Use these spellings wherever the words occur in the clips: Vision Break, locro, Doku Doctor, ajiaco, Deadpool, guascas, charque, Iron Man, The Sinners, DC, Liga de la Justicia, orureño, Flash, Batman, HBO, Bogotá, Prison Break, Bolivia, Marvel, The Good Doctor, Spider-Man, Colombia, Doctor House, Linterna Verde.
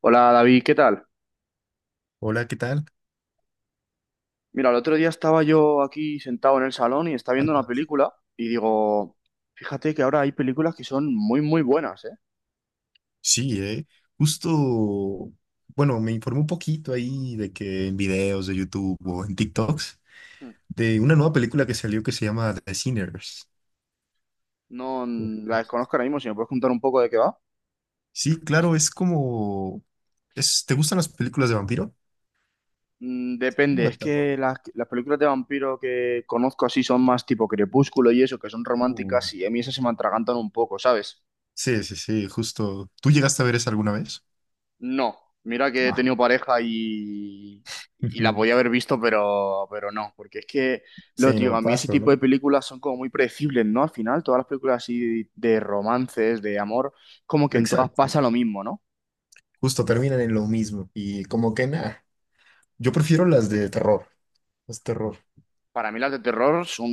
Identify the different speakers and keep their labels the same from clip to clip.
Speaker 1: Hola David, ¿qué tal?
Speaker 2: Hola, ¿qué tal?
Speaker 1: Mira, el otro día estaba yo aquí sentado en el salón y estaba viendo una
Speaker 2: ¿Andas?
Speaker 1: película y digo, fíjate que ahora hay películas que son muy, muy buenas, ¿eh?
Speaker 2: Sí, Justo, bueno, me informé un poquito ahí de que en videos de YouTube o en TikToks
Speaker 1: Mm.
Speaker 2: de una nueva película que salió que se llama The Sinners.
Speaker 1: No mm, las conozco ahora mismo, si me puedes contar un poco de qué va.
Speaker 2: Sí, claro, es como... ¿te gustan las películas de vampiro?
Speaker 1: Mm, depende,
Speaker 2: Como de
Speaker 1: es
Speaker 2: terror.
Speaker 1: que las películas de vampiro que conozco así son más tipo Crepúsculo y eso, que son
Speaker 2: Uy.
Speaker 1: románticas y a mí esas se me atragantan un poco, ¿sabes?
Speaker 2: Sí, sí, sí, justo. ¿Tú llegaste a ver esa alguna vez?
Speaker 1: No, mira que he
Speaker 2: No.
Speaker 1: tenido pareja y la
Speaker 2: Ujú.
Speaker 1: podía haber visto, pero no, porque es que, lo
Speaker 2: Sí,
Speaker 1: digo,
Speaker 2: no,
Speaker 1: a mí ese
Speaker 2: paso,
Speaker 1: tipo
Speaker 2: ¿no?
Speaker 1: de películas son como muy predecibles, ¿no? Al final, todas las películas así de romances, de amor, como que en todas
Speaker 2: Exacto.
Speaker 1: pasa lo mismo, ¿no?
Speaker 2: Justo terminan en lo mismo. Y como que nada. Yo prefiero las de terror, las terror.
Speaker 1: Para mí las de terror son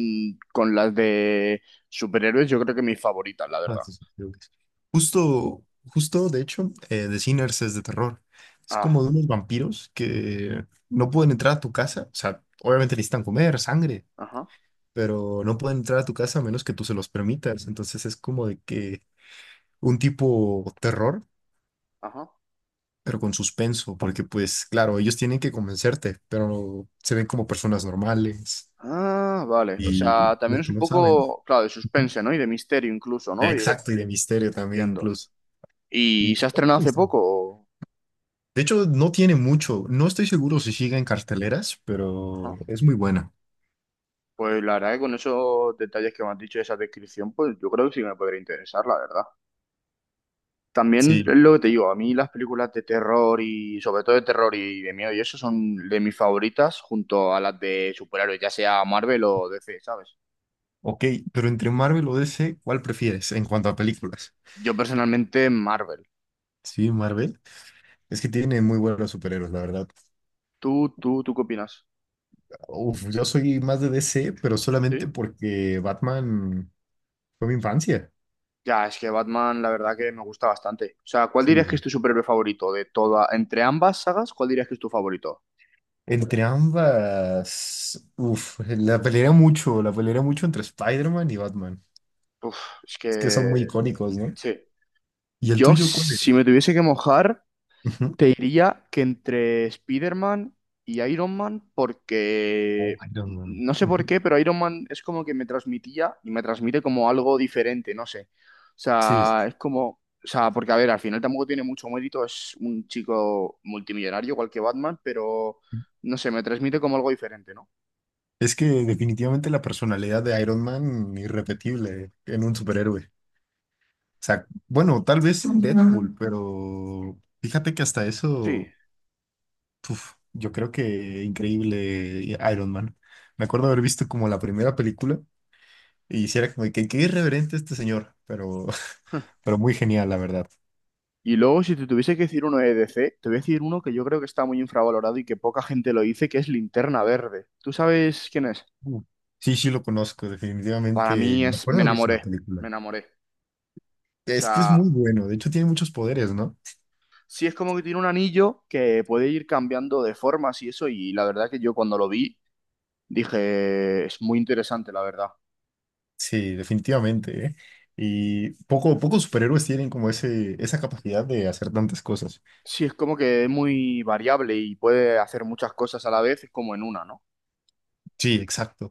Speaker 1: con las de superhéroes, yo creo que mis favoritas, la
Speaker 2: Ah,
Speaker 1: verdad.
Speaker 2: sí, sí, creo que sí. Justo, justo, de hecho, The Sinners es de terror. Es como
Speaker 1: Ah,
Speaker 2: de unos vampiros que no pueden entrar a tu casa. O sea, obviamente necesitan comer sangre,
Speaker 1: ajá,
Speaker 2: pero no pueden entrar a tu casa a menos que tú se los permitas. Entonces es como de que un tipo terror,
Speaker 1: ajá.
Speaker 2: pero con suspenso, porque pues claro, ellos tienen que convencerte, pero se ven como personas normales
Speaker 1: Ah, vale. O
Speaker 2: y
Speaker 1: sea, también
Speaker 2: los
Speaker 1: es
Speaker 2: que
Speaker 1: un
Speaker 2: no saben.
Speaker 1: poco, claro, de suspense, ¿no? Y de misterio incluso, ¿no? Y-
Speaker 2: Exacto, y de misterio también
Speaker 1: entiendo.
Speaker 2: incluso.
Speaker 1: ¿Y
Speaker 2: Y
Speaker 1: se ha estrenado hace poco? O-
Speaker 2: de hecho, no tiene mucho. No estoy seguro si sigue en carteleras, pero
Speaker 1: ajá.
Speaker 2: es muy buena.
Speaker 1: Pues la verdad que con esos detalles que me has dicho, esa descripción, pues yo creo que sí me podría interesar, la verdad. También
Speaker 2: Sí.
Speaker 1: es lo que te digo, a mí las películas de terror y sobre todo de terror y de miedo y eso son de mis favoritas junto a las de superhéroes, ya sea Marvel o DC, ¿sabes?
Speaker 2: Ok, pero entre Marvel o DC, ¿cuál prefieres en cuanto a películas?
Speaker 1: Yo personalmente Marvel.
Speaker 2: Sí, Marvel. Es que tiene muy buenos superhéroes, la verdad.
Speaker 1: ¿Tú qué opinas?
Speaker 2: Uf, yo soy más de DC, pero
Speaker 1: ¿Sí?
Speaker 2: solamente porque Batman fue mi infancia.
Speaker 1: Ya, es que Batman la verdad que me gusta bastante. O sea, ¿cuál dirías que es
Speaker 2: Sí.
Speaker 1: tu superhéroe favorito de toda, entre ambas sagas, cuál dirías que es tu favorito?
Speaker 2: Entre ambas, uf, la pelearía mucho entre Spider-Man y Batman.
Speaker 1: Uf, es
Speaker 2: Es que
Speaker 1: que
Speaker 2: son muy icónicos, ¿no?
Speaker 1: sí.
Speaker 2: ¿Y el
Speaker 1: Yo,
Speaker 2: tuyo cuál es?
Speaker 1: si me tuviese que mojar...
Speaker 2: Ujú.
Speaker 1: Te diría que entre Spider-Man y Iron Man,
Speaker 2: Oh,
Speaker 1: porque
Speaker 2: Iron Man.
Speaker 1: no sé por
Speaker 2: Ujú.
Speaker 1: qué, pero Iron Man es como que me transmitía y me transmite como algo diferente, no sé. O
Speaker 2: Sí,
Speaker 1: sea,
Speaker 2: sí,
Speaker 1: es como, o sea, porque a ver, al final tampoco tiene mucho mérito, es un chico multimillonario igual que Batman, pero
Speaker 2: sí.
Speaker 1: no sé, me transmite como algo diferente, ¿no?
Speaker 2: Es que definitivamente la personalidad de Iron Man, irrepetible en un superhéroe. O sea, bueno, tal vez en Deadpool, pero fíjate que hasta
Speaker 1: Sí.
Speaker 2: eso, uf, yo creo que increíble Iron Man. Me acuerdo haber visto como la primera película y hiciera como de que qué irreverente este señor, pero, pero muy genial, la verdad.
Speaker 1: Y luego, si te tuviese que decir uno de DC, te voy a decir uno que yo creo que está muy infravalorado y que poca gente lo dice, que es Linterna Verde. ¿Tú sabes quién es?
Speaker 2: Uh, Sí, sí lo conozco,
Speaker 1: Para
Speaker 2: definitivamente.
Speaker 1: mí
Speaker 2: Me
Speaker 1: es, me
Speaker 2: acuerdo haber visto una
Speaker 1: enamoré, me
Speaker 2: película.
Speaker 1: enamoré. O
Speaker 2: Es que es
Speaker 1: sea,
Speaker 2: muy bueno, de hecho tiene muchos poderes, ¿no?
Speaker 1: sí es como que tiene un anillo que puede ir cambiando de formas y eso, y la verdad que yo cuando lo vi dije, es muy interesante, la verdad.
Speaker 2: Sí, definitivamente, ¿eh? Y poco, pocos superhéroes tienen como ese, esa capacidad de hacer tantas cosas.
Speaker 1: Sí es como que es muy variable y puede hacer muchas cosas a la vez, es como en una, ¿no?
Speaker 2: Sí, exacto.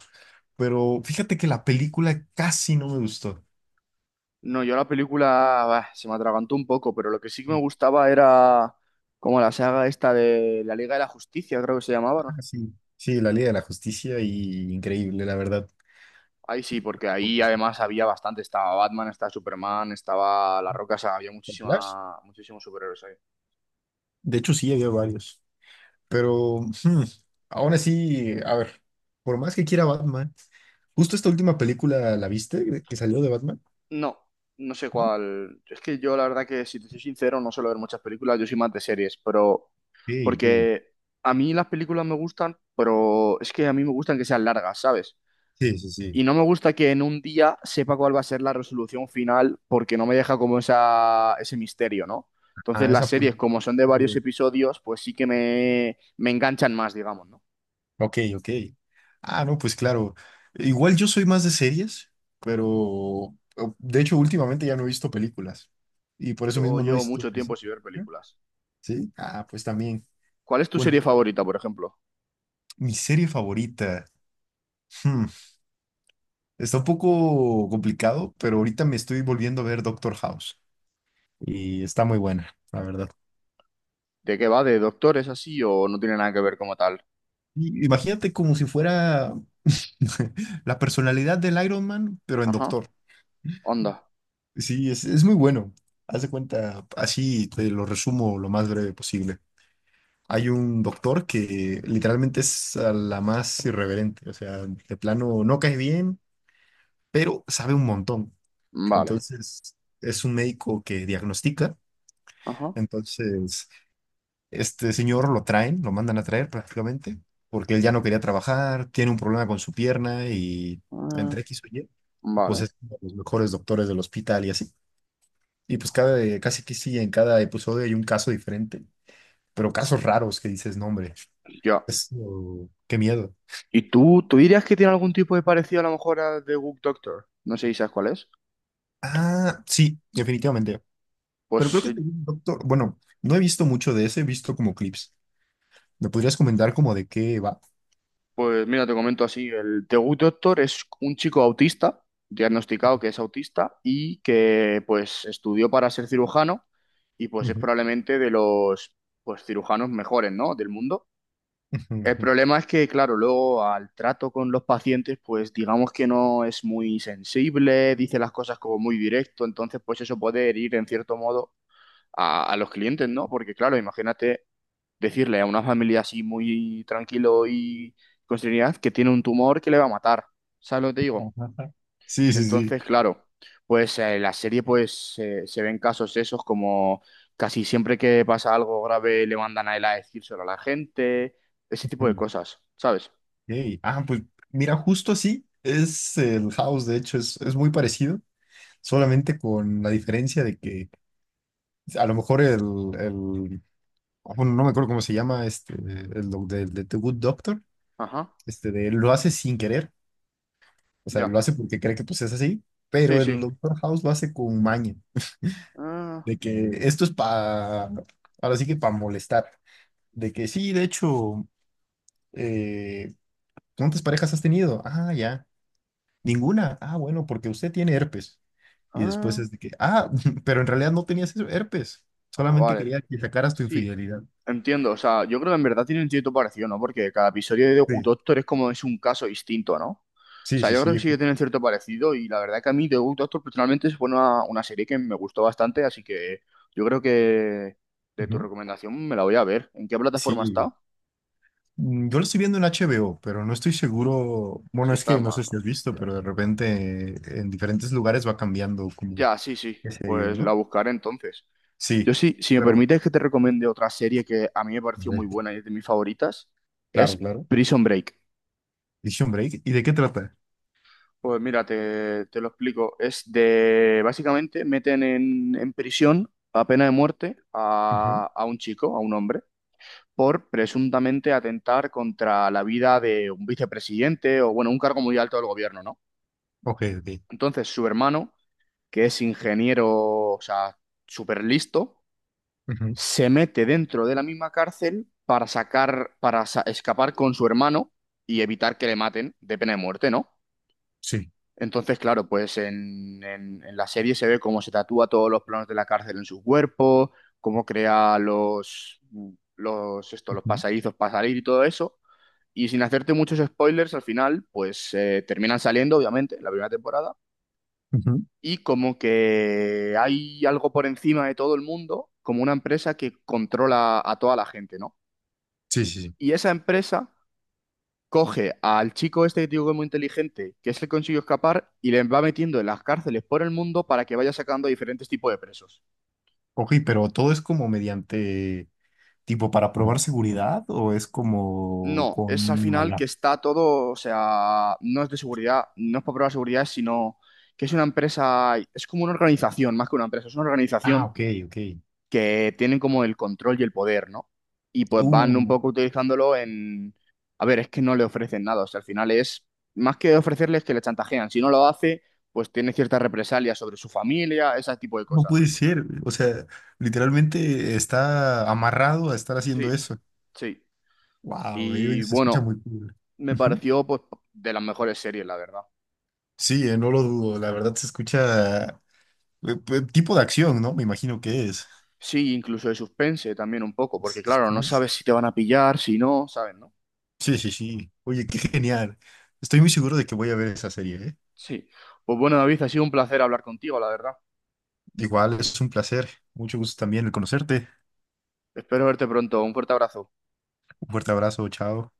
Speaker 2: Pero fíjate que la película casi no me gustó.
Speaker 1: No, yo la película bah, se me atragantó un poco, pero lo que sí que me
Speaker 2: Sí.
Speaker 1: gustaba era como la saga esta de la Liga de la Justicia, creo que se llamaba,
Speaker 2: Ah,
Speaker 1: ¿no?
Speaker 2: sí. Sí, la Liga de la Justicia y increíble, la verdad.
Speaker 1: Ahí sí, porque
Speaker 2: Como
Speaker 1: ahí
Speaker 2: personaje.
Speaker 1: además había bastante, estaba Batman, estaba Superman, estaba La Roca, o sea, había
Speaker 2: Flash,
Speaker 1: muchísima, muchísimos superhéroes ahí.
Speaker 2: de hecho, sí, había varios. Pero aún así, a ver, por más que quiera Batman, justo esta última película, ¿la viste? Que salió de Batman,
Speaker 1: No, no sé
Speaker 2: ¿no? Ok,
Speaker 1: cuál. Es que yo la verdad que, si te soy sincero, no suelo ver muchas películas, yo soy más de series, pero
Speaker 2: ok.
Speaker 1: porque a mí las películas me gustan, pero es que a mí me gustan que sean largas, ¿sabes?
Speaker 2: Sí, sí, sí.
Speaker 1: Y no me gusta que en un día sepa cuál va a ser la resolución final, porque no me deja como esa, ese misterio, ¿no? Entonces
Speaker 2: Ah,
Speaker 1: las series, como son de varios episodios, pues sí que me enganchan más, digamos, ¿no?
Speaker 2: Ok, ok. Ah, no, pues claro. Igual yo soy más de series, pero de hecho últimamente ya no he visto películas y por eso
Speaker 1: Yo
Speaker 2: mismo no he
Speaker 1: llevo
Speaker 2: visto.
Speaker 1: mucho tiempo sin ver películas.
Speaker 2: ¿Sí? Ah, pues también.
Speaker 1: ¿Cuál es tu
Speaker 2: Bueno,
Speaker 1: serie favorita, por ejemplo?
Speaker 2: mi serie favorita. hmm, Está un poco complicado, pero ahorita me estoy volviendo a ver Doctor House y está muy buena, la verdad.
Speaker 1: ¿De qué va? ¿De doctores así o no tiene nada que ver como tal?
Speaker 2: Y imagínate como si fuera la personalidad del Iron Man, pero en
Speaker 1: Ajá.
Speaker 2: Doctor.
Speaker 1: Onda.
Speaker 2: Sí, es muy bueno. Haz de cuenta, así te lo resumo lo más breve posible. Hay un doctor que literalmente es a la más irreverente, o sea, de plano no cae bien, pero sabe un montón.
Speaker 1: Vale.
Speaker 2: Entonces, es un médico que diagnostica.
Speaker 1: Ajá.
Speaker 2: Entonces, este señor lo traen, lo mandan a traer prácticamente, porque él ya no quería trabajar, tiene un problema con su pierna y
Speaker 1: Ah,
Speaker 2: entre X o Y, pues
Speaker 1: vale.
Speaker 2: es uno de los mejores doctores del hospital y así. Y pues cada, casi que sí, en cada episodio hay un caso diferente, pero casos raros que dices, no, hombre,
Speaker 1: Ya.
Speaker 2: es, oh, qué miedo.
Speaker 1: ¿Y tú dirías que tiene algún tipo de parecido a lo mejor a The Good Doctor? No sé si sabes cuál es.
Speaker 2: Ah, sí, definitivamente. Pero creo
Speaker 1: Pues
Speaker 2: que doctor, bueno, no he visto mucho de ese, he visto como clips. ¿Me podrías comentar como de qué va?
Speaker 1: Pues mira, te comento así, el Tegut Doctor es un chico autista, diagnosticado que es autista y que pues estudió para ser cirujano y pues es
Speaker 2: Ujú.
Speaker 1: probablemente de los pues cirujanos mejores, ¿no?, del mundo.
Speaker 2: Ujú,
Speaker 1: El
Speaker 2: ujú.
Speaker 1: problema es que, claro, luego al trato con los pacientes, pues digamos que no es muy sensible, dice las cosas como muy directo, entonces pues eso puede herir en cierto modo a los clientes, ¿no? Porque claro, imagínate decirle a una familia así muy tranquilo y con serenidad que tiene un tumor que le va a matar. ¿Sabes lo que te digo?
Speaker 2: Ajá. Sí, sí, sí.
Speaker 1: Entonces, claro, pues la serie pues se ven casos esos como casi siempre que pasa algo grave le mandan a él a decírselo a la gente, ese tipo de
Speaker 2: Ujú.
Speaker 1: cosas, ¿sabes?
Speaker 2: Ey, ah, pues mira, justo así es el House, de hecho, es muy parecido, solamente con la diferencia de que a lo mejor el, bueno, no me acuerdo cómo se llama, este, el de The Good Doctor,
Speaker 1: Ajá,
Speaker 2: este, de, él lo hace sin querer, o sea,
Speaker 1: ya.
Speaker 2: lo hace porque cree que pues es así,
Speaker 1: Sí,
Speaker 2: pero
Speaker 1: sí.
Speaker 2: el Doctor House lo hace con maña,
Speaker 1: Ah,
Speaker 2: de que esto es para, ahora sí que para molestar, de que sí, de hecho, eh, ¿cuántas parejas has tenido? Ah, ya, ninguna, ah, bueno, porque usted tiene herpes, y después
Speaker 1: ah,
Speaker 2: es de que, ah, pero en realidad no tenías herpes, solamente
Speaker 1: vale.
Speaker 2: quería que sacaras tu
Speaker 1: Sí,
Speaker 2: infidelidad.
Speaker 1: entiendo. O sea, yo creo que en verdad tienen cierto parecido, ¿no? Porque cada episodio de Doku
Speaker 2: Sí,
Speaker 1: Doctor es como es un caso distinto, ¿no? O
Speaker 2: sí,
Speaker 1: sea,
Speaker 2: sí,
Speaker 1: yo creo que
Speaker 2: sí.
Speaker 1: sí que tienen cierto parecido y la verdad que a mí The Good Doctor personalmente es una serie que me gustó bastante, así que yo creo que de tu
Speaker 2: Ujú.
Speaker 1: recomendación me la voy a ver. ¿En qué plataforma
Speaker 2: Sí,
Speaker 1: está?
Speaker 2: Yo lo estoy viendo en HBO, pero no estoy seguro. Bueno,
Speaker 1: Si
Speaker 2: es
Speaker 1: está
Speaker 2: que
Speaker 1: en
Speaker 2: no sé
Speaker 1: más,
Speaker 2: si
Speaker 1: ¿no?
Speaker 2: has visto,
Speaker 1: Ya.
Speaker 2: pero de repente en diferentes lugares va cambiando como
Speaker 1: Ya, sí, sí.
Speaker 2: qué series,
Speaker 1: Pues la
Speaker 2: ¿no?
Speaker 1: buscaré entonces.
Speaker 2: Sí,
Speaker 1: Yo sí, si me
Speaker 2: pero
Speaker 1: permites que te recomiende otra serie que a mí me
Speaker 2: a
Speaker 1: pareció
Speaker 2: ver,
Speaker 1: muy buena y es de mis favoritas,
Speaker 2: claro,
Speaker 1: es
Speaker 2: claro.
Speaker 1: Prison Break.
Speaker 2: Vision Break. ¿Y de qué trata?
Speaker 1: Pues mira, te lo explico. Es de, básicamente, meten en prisión a pena de muerte
Speaker 2: Ujú.
Speaker 1: a un chico, a un hombre, por presuntamente atentar contra la vida de un vicepresidente o, bueno, un cargo muy alto del gobierno, ¿no?
Speaker 2: Ok, ok.
Speaker 1: Entonces, su hermano, que es ingeniero, o sea, súper listo,
Speaker 2: Ujú.
Speaker 1: se mete dentro de la misma cárcel para sacar, para sa- escapar con su hermano y evitar que le maten de pena de muerte, ¿no?
Speaker 2: Sí.
Speaker 1: Entonces, claro, pues en la serie se ve cómo se tatúa todos los planos de la cárcel en su cuerpo, cómo crea los, los, esto, los
Speaker 2: Ujú.
Speaker 1: pasadizos para salir y todo eso. Y sin hacerte muchos spoilers, al final, pues terminan saliendo, obviamente, en la primera temporada.
Speaker 2: Ujú.
Speaker 1: Y como que hay algo por encima de todo el mundo, como una empresa que controla a toda la gente, ¿no?
Speaker 2: Sí, sí, sí.
Speaker 1: Y esa empresa coge al chico este que te digo que es muy inteligente, que es el que consiguió escapar, y le va metiendo en las cárceles por el mundo para que vaya sacando a diferentes tipos de presos.
Speaker 2: Ok, pero todo es como mediante, tipo, para probar seguridad o es como
Speaker 1: No, es al
Speaker 2: con
Speaker 1: final que
Speaker 2: mala.
Speaker 1: está todo, o sea, no es de seguridad, no es para probar seguridad, sino que es una empresa, es como una organización, más que una empresa, es una
Speaker 2: Ah,
Speaker 1: organización
Speaker 2: ok, ok.
Speaker 1: que tienen como el control y el poder, ¿no? Y pues van un
Speaker 2: Uh,
Speaker 1: poco utilizándolo en... A ver, es que no le ofrecen nada, o sea, al final es más que ofrecerles que le chantajean. Si no lo hace, pues tiene ciertas represalias sobre su familia, ese tipo de
Speaker 2: no
Speaker 1: cosas,
Speaker 2: puede
Speaker 1: ¿no?
Speaker 2: ser, güey. O sea, literalmente está amarrado a estar haciendo
Speaker 1: Sí,
Speaker 2: eso.
Speaker 1: sí.
Speaker 2: Wow,
Speaker 1: Y
Speaker 2: se escucha
Speaker 1: bueno,
Speaker 2: muy cool.
Speaker 1: me
Speaker 2: Ujú.
Speaker 1: pareció pues de las mejores series, la verdad.
Speaker 2: Sí, no lo dudo, la verdad se escucha tipo de acción, ¿no? Me imagino que es.
Speaker 1: Sí, incluso de suspense también un poco, porque claro, no
Speaker 2: Suspense.
Speaker 1: sabes si te van a pillar, si no, ¿sabes, no?
Speaker 2: Sí, sí, sí. Oye, qué genial. Estoy muy seguro de que voy a ver esa serie, ¿eh?
Speaker 1: Sí. Pues bueno, David, ha sido un placer hablar contigo, la verdad.
Speaker 2: Igual es un placer. Mucho gusto también el conocerte.
Speaker 1: Espero verte pronto. Un fuerte abrazo.
Speaker 2: Un fuerte abrazo, chao.